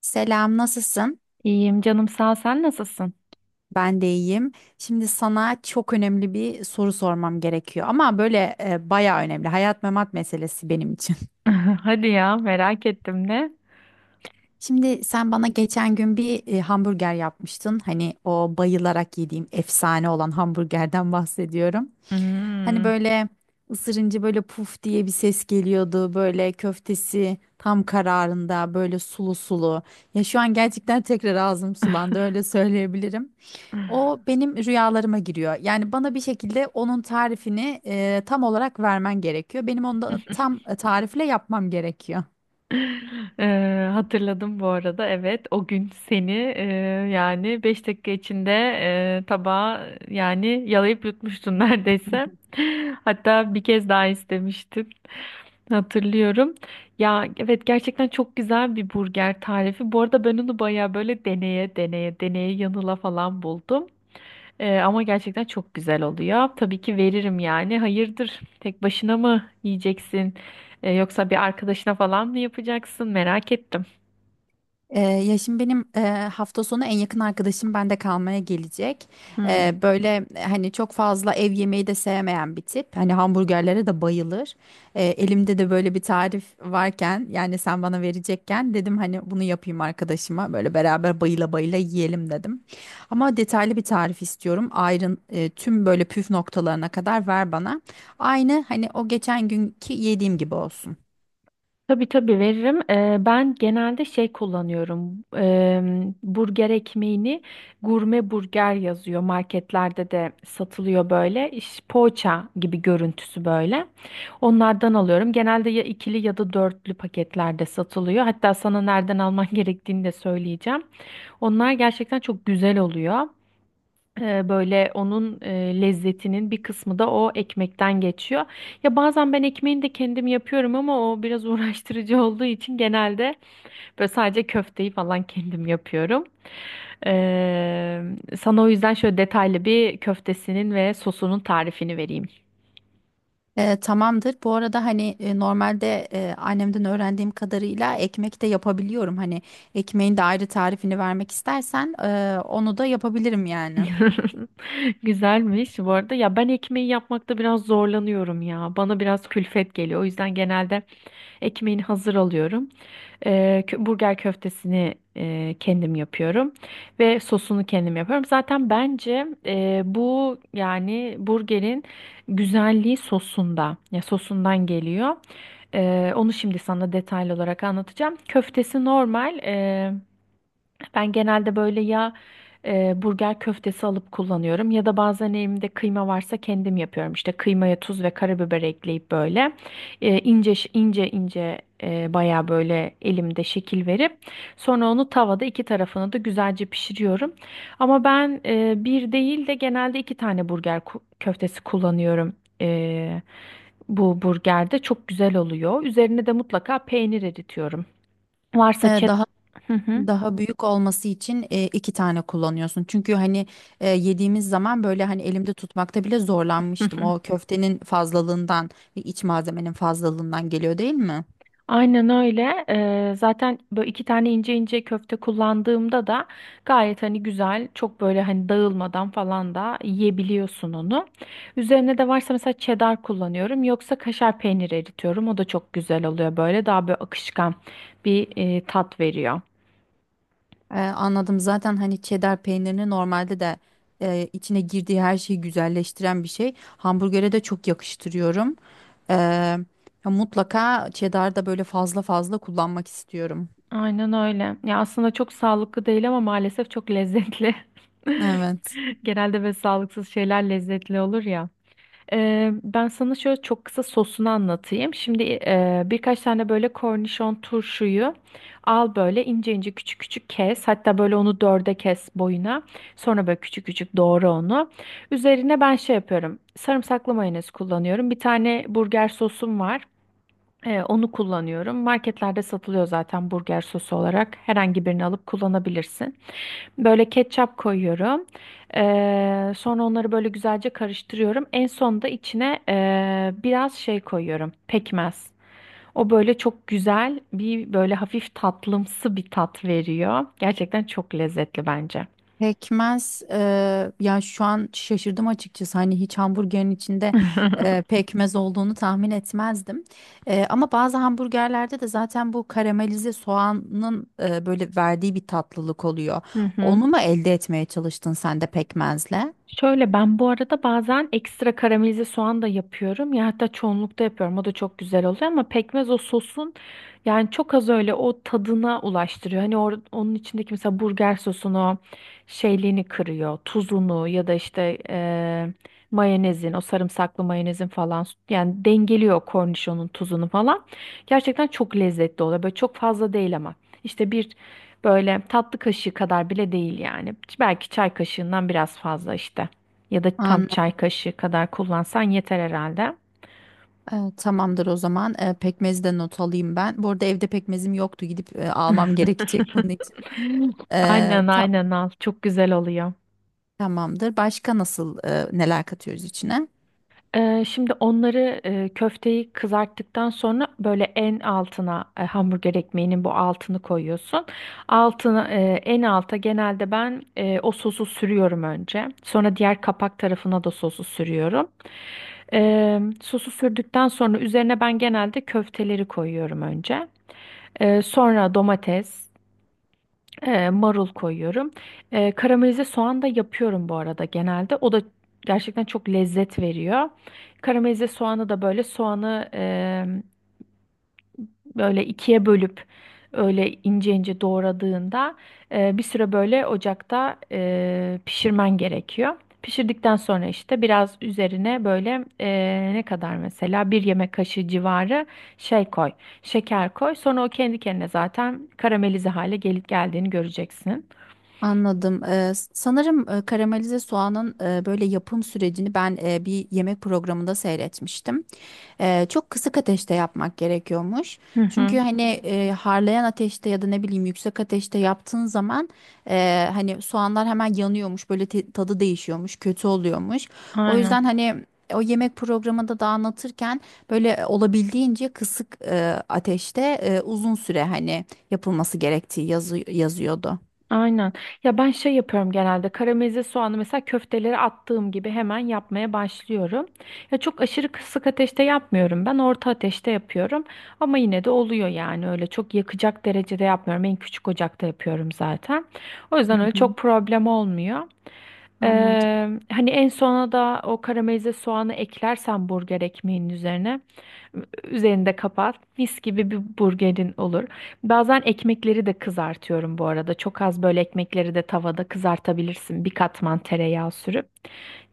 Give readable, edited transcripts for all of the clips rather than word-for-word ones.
Selam, nasılsın? İyiyim canım sağ ol. Sen nasılsın? Ben de iyiyim. Şimdi sana çok önemli bir soru sormam gerekiyor ama böyle bayağı önemli. Hayat memat meselesi benim için. Hadi ya merak ettim de. Şimdi sen bana geçen gün bir hamburger yapmıştın. Hani o bayılarak yediğim efsane olan hamburgerden bahsediyorum. Hani Hmm. böyle ısırınca böyle puf diye bir ses geliyordu. Böyle köftesi tam kararında böyle sulu sulu. Ya şu an gerçekten tekrar ağzım sulandı öyle söyleyebilirim. O benim rüyalarıma giriyor. Yani bana bir şekilde onun tarifini tam olarak vermen gerekiyor. Benim onu da tam tarifle yapmam gerekiyor. Hatırladım bu arada, evet o gün seni yani 5 dakika içinde tabağa yani yalayıp yutmuştun neredeyse. Hatta bir kez daha istemiştin, hatırlıyorum. Ya evet, gerçekten çok güzel bir burger tarifi. Bu arada ben onu baya böyle deneye deneye deneye yanıla falan buldum. Ama gerçekten çok güzel oluyor. Tabii ki veririm yani. Hayırdır? Tek başına mı yiyeceksin? Yoksa bir arkadaşına falan mı yapacaksın? Merak ettim. Ya şimdi benim hafta sonu en yakın arkadaşım bende kalmaya gelecek. Hmm. Böyle hani çok fazla ev yemeği de sevmeyen bir tip. Hani hamburgerlere de bayılır. Elimde de böyle bir tarif varken yani sen bana verecekken dedim hani bunu yapayım arkadaşıma. Böyle beraber bayıla bayıla yiyelim dedim. Ama detaylı bir tarif istiyorum. Ayrın tüm böyle püf noktalarına kadar ver bana. Aynı hani o geçen günkü yediğim gibi olsun. Tabii tabii veririm. Ben genelde şey kullanıyorum. Burger ekmeğini gurme burger yazıyor. Marketlerde de satılıyor böyle. İş, poğaça gibi görüntüsü böyle. Onlardan alıyorum. Genelde ya ikili ya da dörtlü paketlerde satılıyor. Hatta sana nereden alman gerektiğini de söyleyeceğim. Onlar gerçekten çok güzel oluyor. Böyle onun lezzetinin bir kısmı da o ekmekten geçiyor. Ya bazen ben ekmeğini de kendim yapıyorum, ama o biraz uğraştırıcı olduğu için genelde böyle sadece köfteyi falan kendim yapıyorum. Ee, sana o yüzden şöyle detaylı bir köftesinin ve sosunun tarifini vereyim. Tamamdır. Bu arada hani normalde annemden öğrendiğim kadarıyla ekmek de yapabiliyorum. Hani ekmeğin de ayrı tarifini vermek istersen onu da yapabilirim yani. Güzelmiş bu arada. Ya ben ekmeği yapmakta biraz zorlanıyorum ya. Bana biraz külfet geliyor. O yüzden genelde ekmeğini hazır alıyorum. Burger köftesini kendim yapıyorum ve sosunu kendim yapıyorum. Zaten bence bu yani burgerin güzelliği sosunda, ya sosundan geliyor. Onu şimdi sana detaylı olarak anlatacağım. Köftesi normal. Ben genelde böyle ya burger köftesi alıp kullanıyorum ya da bazen elimde kıyma varsa kendim yapıyorum. İşte kıymaya tuz ve karabiber ekleyip böyle ince ince bayağı böyle elimde şekil verip sonra onu tavada iki tarafını da güzelce pişiriyorum. Ama ben bir değil de genelde iki tane köftesi kullanıyorum. Bu burgerde çok güzel oluyor. Üzerine de mutlaka peynir eritiyorum. E, Varsa çet... daha Hı hı. daha büyük olması için iki tane kullanıyorsun. Çünkü hani yediğimiz zaman böyle hani elimde tutmakta bile zorlanmıştım. O köftenin fazlalığından, iç malzemenin fazlalığından geliyor değil mi? Aynen öyle. Zaten böyle iki tane ince ince köfte kullandığımda da gayet hani güzel, çok böyle hani dağılmadan falan da yiyebiliyorsun onu. Üzerine de varsa mesela cheddar kullanıyorum, yoksa kaşar peyniri eritiyorum. O da çok güzel oluyor, böyle daha böyle akışkan bir tat veriyor. Anladım. Zaten hani cheddar peynirini normalde de içine girdiği her şeyi güzelleştiren bir şey. Hamburgere de çok yakıştırıyorum. Ee, ya mutlaka cheddar da böyle fazla fazla kullanmak istiyorum. Aynen öyle. Ya aslında çok sağlıklı değil, ama maalesef çok lezzetli. Evet. Genelde böyle sağlıksız şeyler lezzetli olur ya. Ben sana şöyle çok kısa sosunu anlatayım. Şimdi birkaç tane böyle kornişon turşuyu al, böyle ince ince küçük küçük kes. Hatta böyle onu dörde kes boyuna. Sonra böyle küçük küçük doğra onu. Üzerine ben şey yapıyorum. Sarımsaklı mayonez kullanıyorum. Bir tane burger sosum var. Onu kullanıyorum. Marketlerde satılıyor zaten burger sosu olarak. Herhangi birini alıp kullanabilirsin. Böyle ketçap koyuyorum. Sonra onları böyle güzelce karıştırıyorum. En sonunda içine biraz şey koyuyorum. Pekmez. O böyle çok güzel bir, böyle hafif tatlımsı bir tat veriyor. Gerçekten çok lezzetli bence. Pekmez ya şu an şaşırdım açıkçası hani hiç hamburgerin içinde pekmez olduğunu tahmin etmezdim. Ama bazı hamburgerlerde de zaten bu karamelize soğanın böyle verdiği bir tatlılık oluyor. Hı hı. Onu mu elde etmeye çalıştın sen de pekmezle? Şöyle, ben bu arada bazen ekstra karamelize soğan da yapıyorum. Ya hatta çoğunlukta yapıyorum. O da çok güzel oluyor, ama pekmez o sosun yani çok az öyle o tadına ulaştırıyor. Onun içindeki mesela burger sosunu şeyliğini kırıyor. Tuzunu ya da işte mayonezin, o sarımsaklı mayonezin falan yani dengeliyor kornişonun tuzunu falan. Gerçekten çok lezzetli oluyor. Böyle çok fazla değil ama. İşte bir, böyle tatlı kaşığı kadar bile değil yani. Belki çay kaşığından biraz fazla işte. Ya da tam An çay kaşığı kadar kullansan yeter herhalde. Tamamdır o zaman. Pekmezi de not alayım ben. Bu arada evde pekmezim yoktu gidip almam gerekecek bunun için. E, Aynen tam aynen al. Çok güzel oluyor. Tamamdır. Başka nasıl neler katıyoruz içine? Şimdi onları, köfteyi kızarttıktan sonra böyle en altına hamburger ekmeğinin bu altını koyuyorsun. Altına en alta genelde ben o sosu sürüyorum önce. Sonra diğer kapak tarafına da sosu sürüyorum. Sosu sürdükten sonra üzerine ben genelde köfteleri koyuyorum önce. Sonra domates, marul koyuyorum. Karamelize soğan da yapıyorum bu arada genelde. O da gerçekten çok lezzet veriyor. Karamelize soğanı da böyle, soğanı böyle ikiye bölüp öyle ince ince doğradığında bir süre böyle ocakta pişirmen gerekiyor. Pişirdikten sonra işte biraz üzerine böyle ne kadar mesela bir yemek kaşığı civarı şey koy, şeker koy. Sonra o kendi kendine zaten karamelize hale geldiğini göreceksin. Anladım. Sanırım karamelize soğanın böyle yapım sürecini ben bir yemek programında seyretmiştim. Çok kısık ateşte yapmak gerekiyormuş. Hı hı, Çünkü hani harlayan ateşte ya da ne bileyim yüksek ateşte yaptığın zaman hani soğanlar hemen yanıyormuş, böyle tadı değişiyormuş, kötü oluyormuş. O yüzden aynen. hani o yemek programında da anlatırken böyle olabildiğince kısık ateşte uzun süre hani yapılması gerektiği yazı yazıyordu. Aynen. Ya ben şey yapıyorum genelde. Karamelize soğanı mesela köfteleri attığım gibi hemen yapmaya başlıyorum. Ya çok aşırı kısık ateşte yapmıyorum. Ben orta ateşte yapıyorum. Ama yine de oluyor yani. Öyle çok yakacak derecede yapmıyorum. En küçük ocakta yapıyorum zaten. O Hı yüzden öyle hı. çok problem olmuyor. Anladım. Hani en sona da o karamelize soğanı eklersen burger ekmeğinin üzerine, üzerini de kapat. Mis gibi bir burgerin olur. Bazen ekmekleri de kızartıyorum bu arada. Çok az böyle ekmekleri de tavada kızartabilirsin. Bir katman tereyağı sürüp.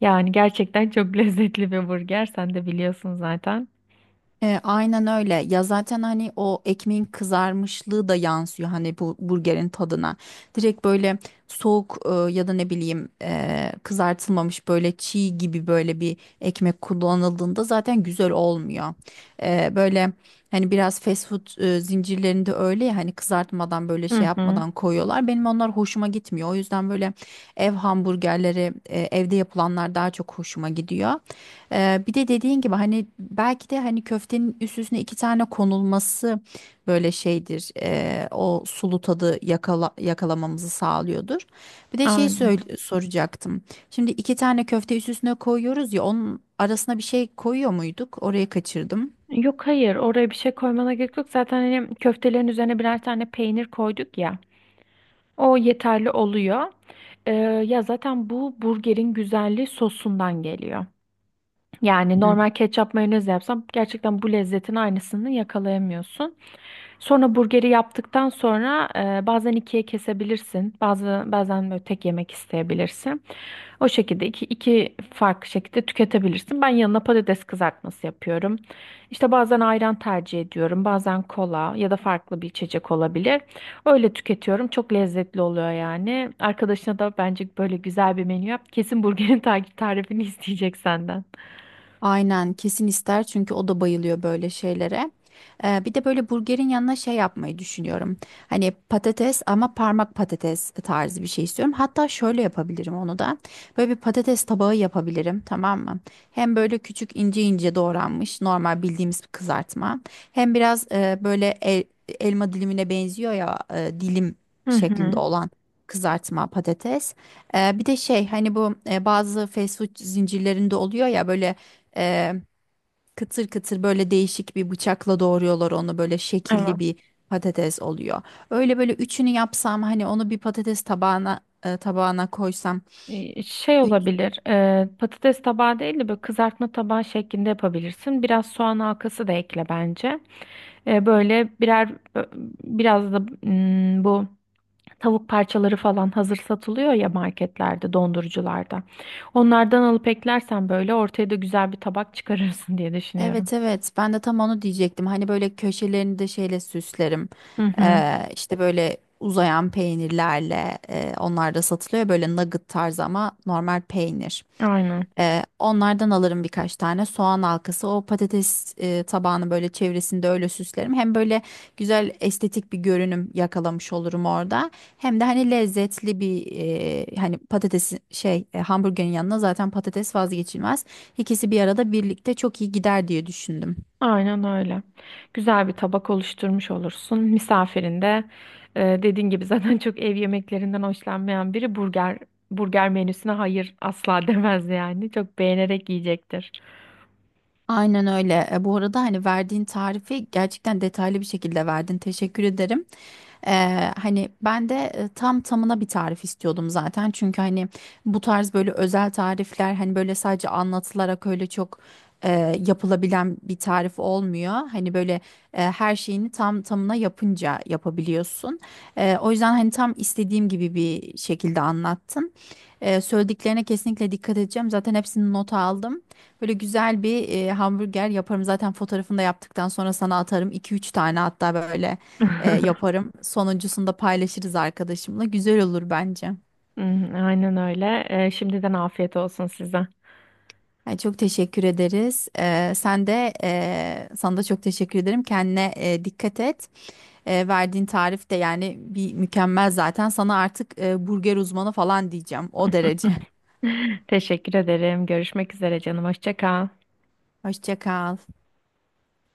Yani gerçekten çok lezzetli bir burger. Sen de biliyorsun zaten. Aynen öyle. Ya zaten hani o ekmeğin kızarmışlığı da yansıyor hani bu burgerin tadına. Direkt böyle soğuk ya da ne bileyim kızartılmamış böyle çiğ gibi böyle bir ekmek kullanıldığında zaten güzel olmuyor. Böyle hani biraz fast food zincirlerinde öyle ya hani kızartmadan böyle şey Hı hı. yapmadan koyuyorlar. Benim onlar hoşuma gitmiyor. O yüzden böyle ev hamburgerleri evde yapılanlar daha çok hoşuma gidiyor. Bir de dediğin gibi hani belki de hani köftenin üst üstüne iki tane konulması böyle şeydir. O sulu tadı yakalamamızı sağlıyordur. Bir de şeyi Aynen. Soracaktım. Şimdi iki tane köfte üst üstüne koyuyoruz ya onun arasına bir şey koyuyor muyduk? Orayı kaçırdım. Yok, hayır, oraya bir şey koymana gerek yok. Zaten hani köftelerin üzerine birer tane peynir koyduk ya. O yeterli oluyor. Ee, ya zaten bu burgerin güzelliği sosundan geliyor. Yani normal ketçap mayonez yapsam gerçekten bu lezzetin aynısını yakalayamıyorsun. Sonra burgeri yaptıktan sonra bazen ikiye kesebilirsin. Bazen böyle tek yemek isteyebilirsin. O şekilde iki farklı şekilde tüketebilirsin. Ben yanına patates kızartması yapıyorum. İşte bazen ayran tercih ediyorum. Bazen kola ya da farklı bir içecek olabilir. Öyle tüketiyorum. Çok lezzetli oluyor yani. Arkadaşına da bence böyle güzel bir menü yap. Kesin burgerin takip tarifini isteyecek senden. Aynen kesin ister çünkü o da bayılıyor böyle şeylere. Bir de böyle burgerin yanına şey yapmayı düşünüyorum. Hani patates ama parmak patates tarzı bir şey istiyorum. Hatta şöyle yapabilirim onu da. Böyle bir patates tabağı yapabilirim, tamam mı? Hem böyle küçük ince ince doğranmış normal bildiğimiz bir kızartma. Hem biraz böyle elma dilimine benziyor ya dilim şeklinde Hı olan kızartma patates. Bir de şey hani bu bazı fast food zincirlerinde oluyor ya böyle ee, kıtır kıtır böyle değişik bir bıçakla doğruyorlar onu, böyle hı. şekilli bir patates oluyor. Öyle böyle üçünü yapsam hani onu bir patates tabağına koysam. Şey Üç, olabilir, patates tabağı değil de böyle kızartma tabağı şeklinde yapabilirsin. Biraz soğan halkası da ekle bence. Böyle birer, biraz da bu tavuk parçaları falan hazır satılıyor ya marketlerde, dondurucularda. Onlardan alıp eklersen böyle ortaya da güzel bir tabak çıkarırsın diye düşünüyorum. evet evet, ben de tam onu diyecektim. Hani böyle köşelerini de şeyle süslerim. Hı hı, İşte böyle uzayan peynirlerle onlar da satılıyor ya, böyle nugget tarzı ama normal peynir. aynen. Onlardan alırım, birkaç tane soğan halkası. O patates tabağını böyle çevresinde öyle süslerim. Hem böyle güzel estetik bir görünüm yakalamış olurum orada. Hem de hani lezzetli bir hani patatesin şey hamburgerin yanına zaten patates vazgeçilmez. İkisi bir arada birlikte çok iyi gider diye düşündüm. Aynen öyle. Güzel bir tabak oluşturmuş olursun. Misafirin de dediğin gibi zaten çok ev yemeklerinden hoşlanmayan biri, burger menüsüne hayır asla demez yani. Çok beğenerek yiyecektir. Aynen öyle. Bu arada hani verdiğin tarifi gerçekten detaylı bir şekilde verdin. Teşekkür ederim. Hani ben de tam tamına bir tarif istiyordum zaten. Çünkü hani bu tarz böyle özel tarifler hani böyle sadece anlatılarak öyle çok e, yapılabilen bir tarif olmuyor. Hani böyle her şeyini tam tamına yapınca yapabiliyorsun. O yüzden hani tam istediğim gibi bir şekilde anlattın. Söylediklerine kesinlikle dikkat edeceğim. Zaten hepsini nota aldım. Böyle güzel bir hamburger yaparım. Zaten fotoğrafını da yaptıktan sonra sana atarım. İki üç tane hatta böyle yaparım. Sonuncusunu da paylaşırız arkadaşımla. Güzel olur bence. Hmm, aynen öyle. Şimdiden afiyet olsun size. Ay, çok teşekkür ederiz. Sana da çok teşekkür ederim. Kendine dikkat et. Verdiğin tarif de yani bir mükemmel zaten. Sana artık burger uzmanı falan diyeceğim. O derece. Teşekkür ederim. Görüşmek üzere canım. Hoşça kal. Hoşça kal.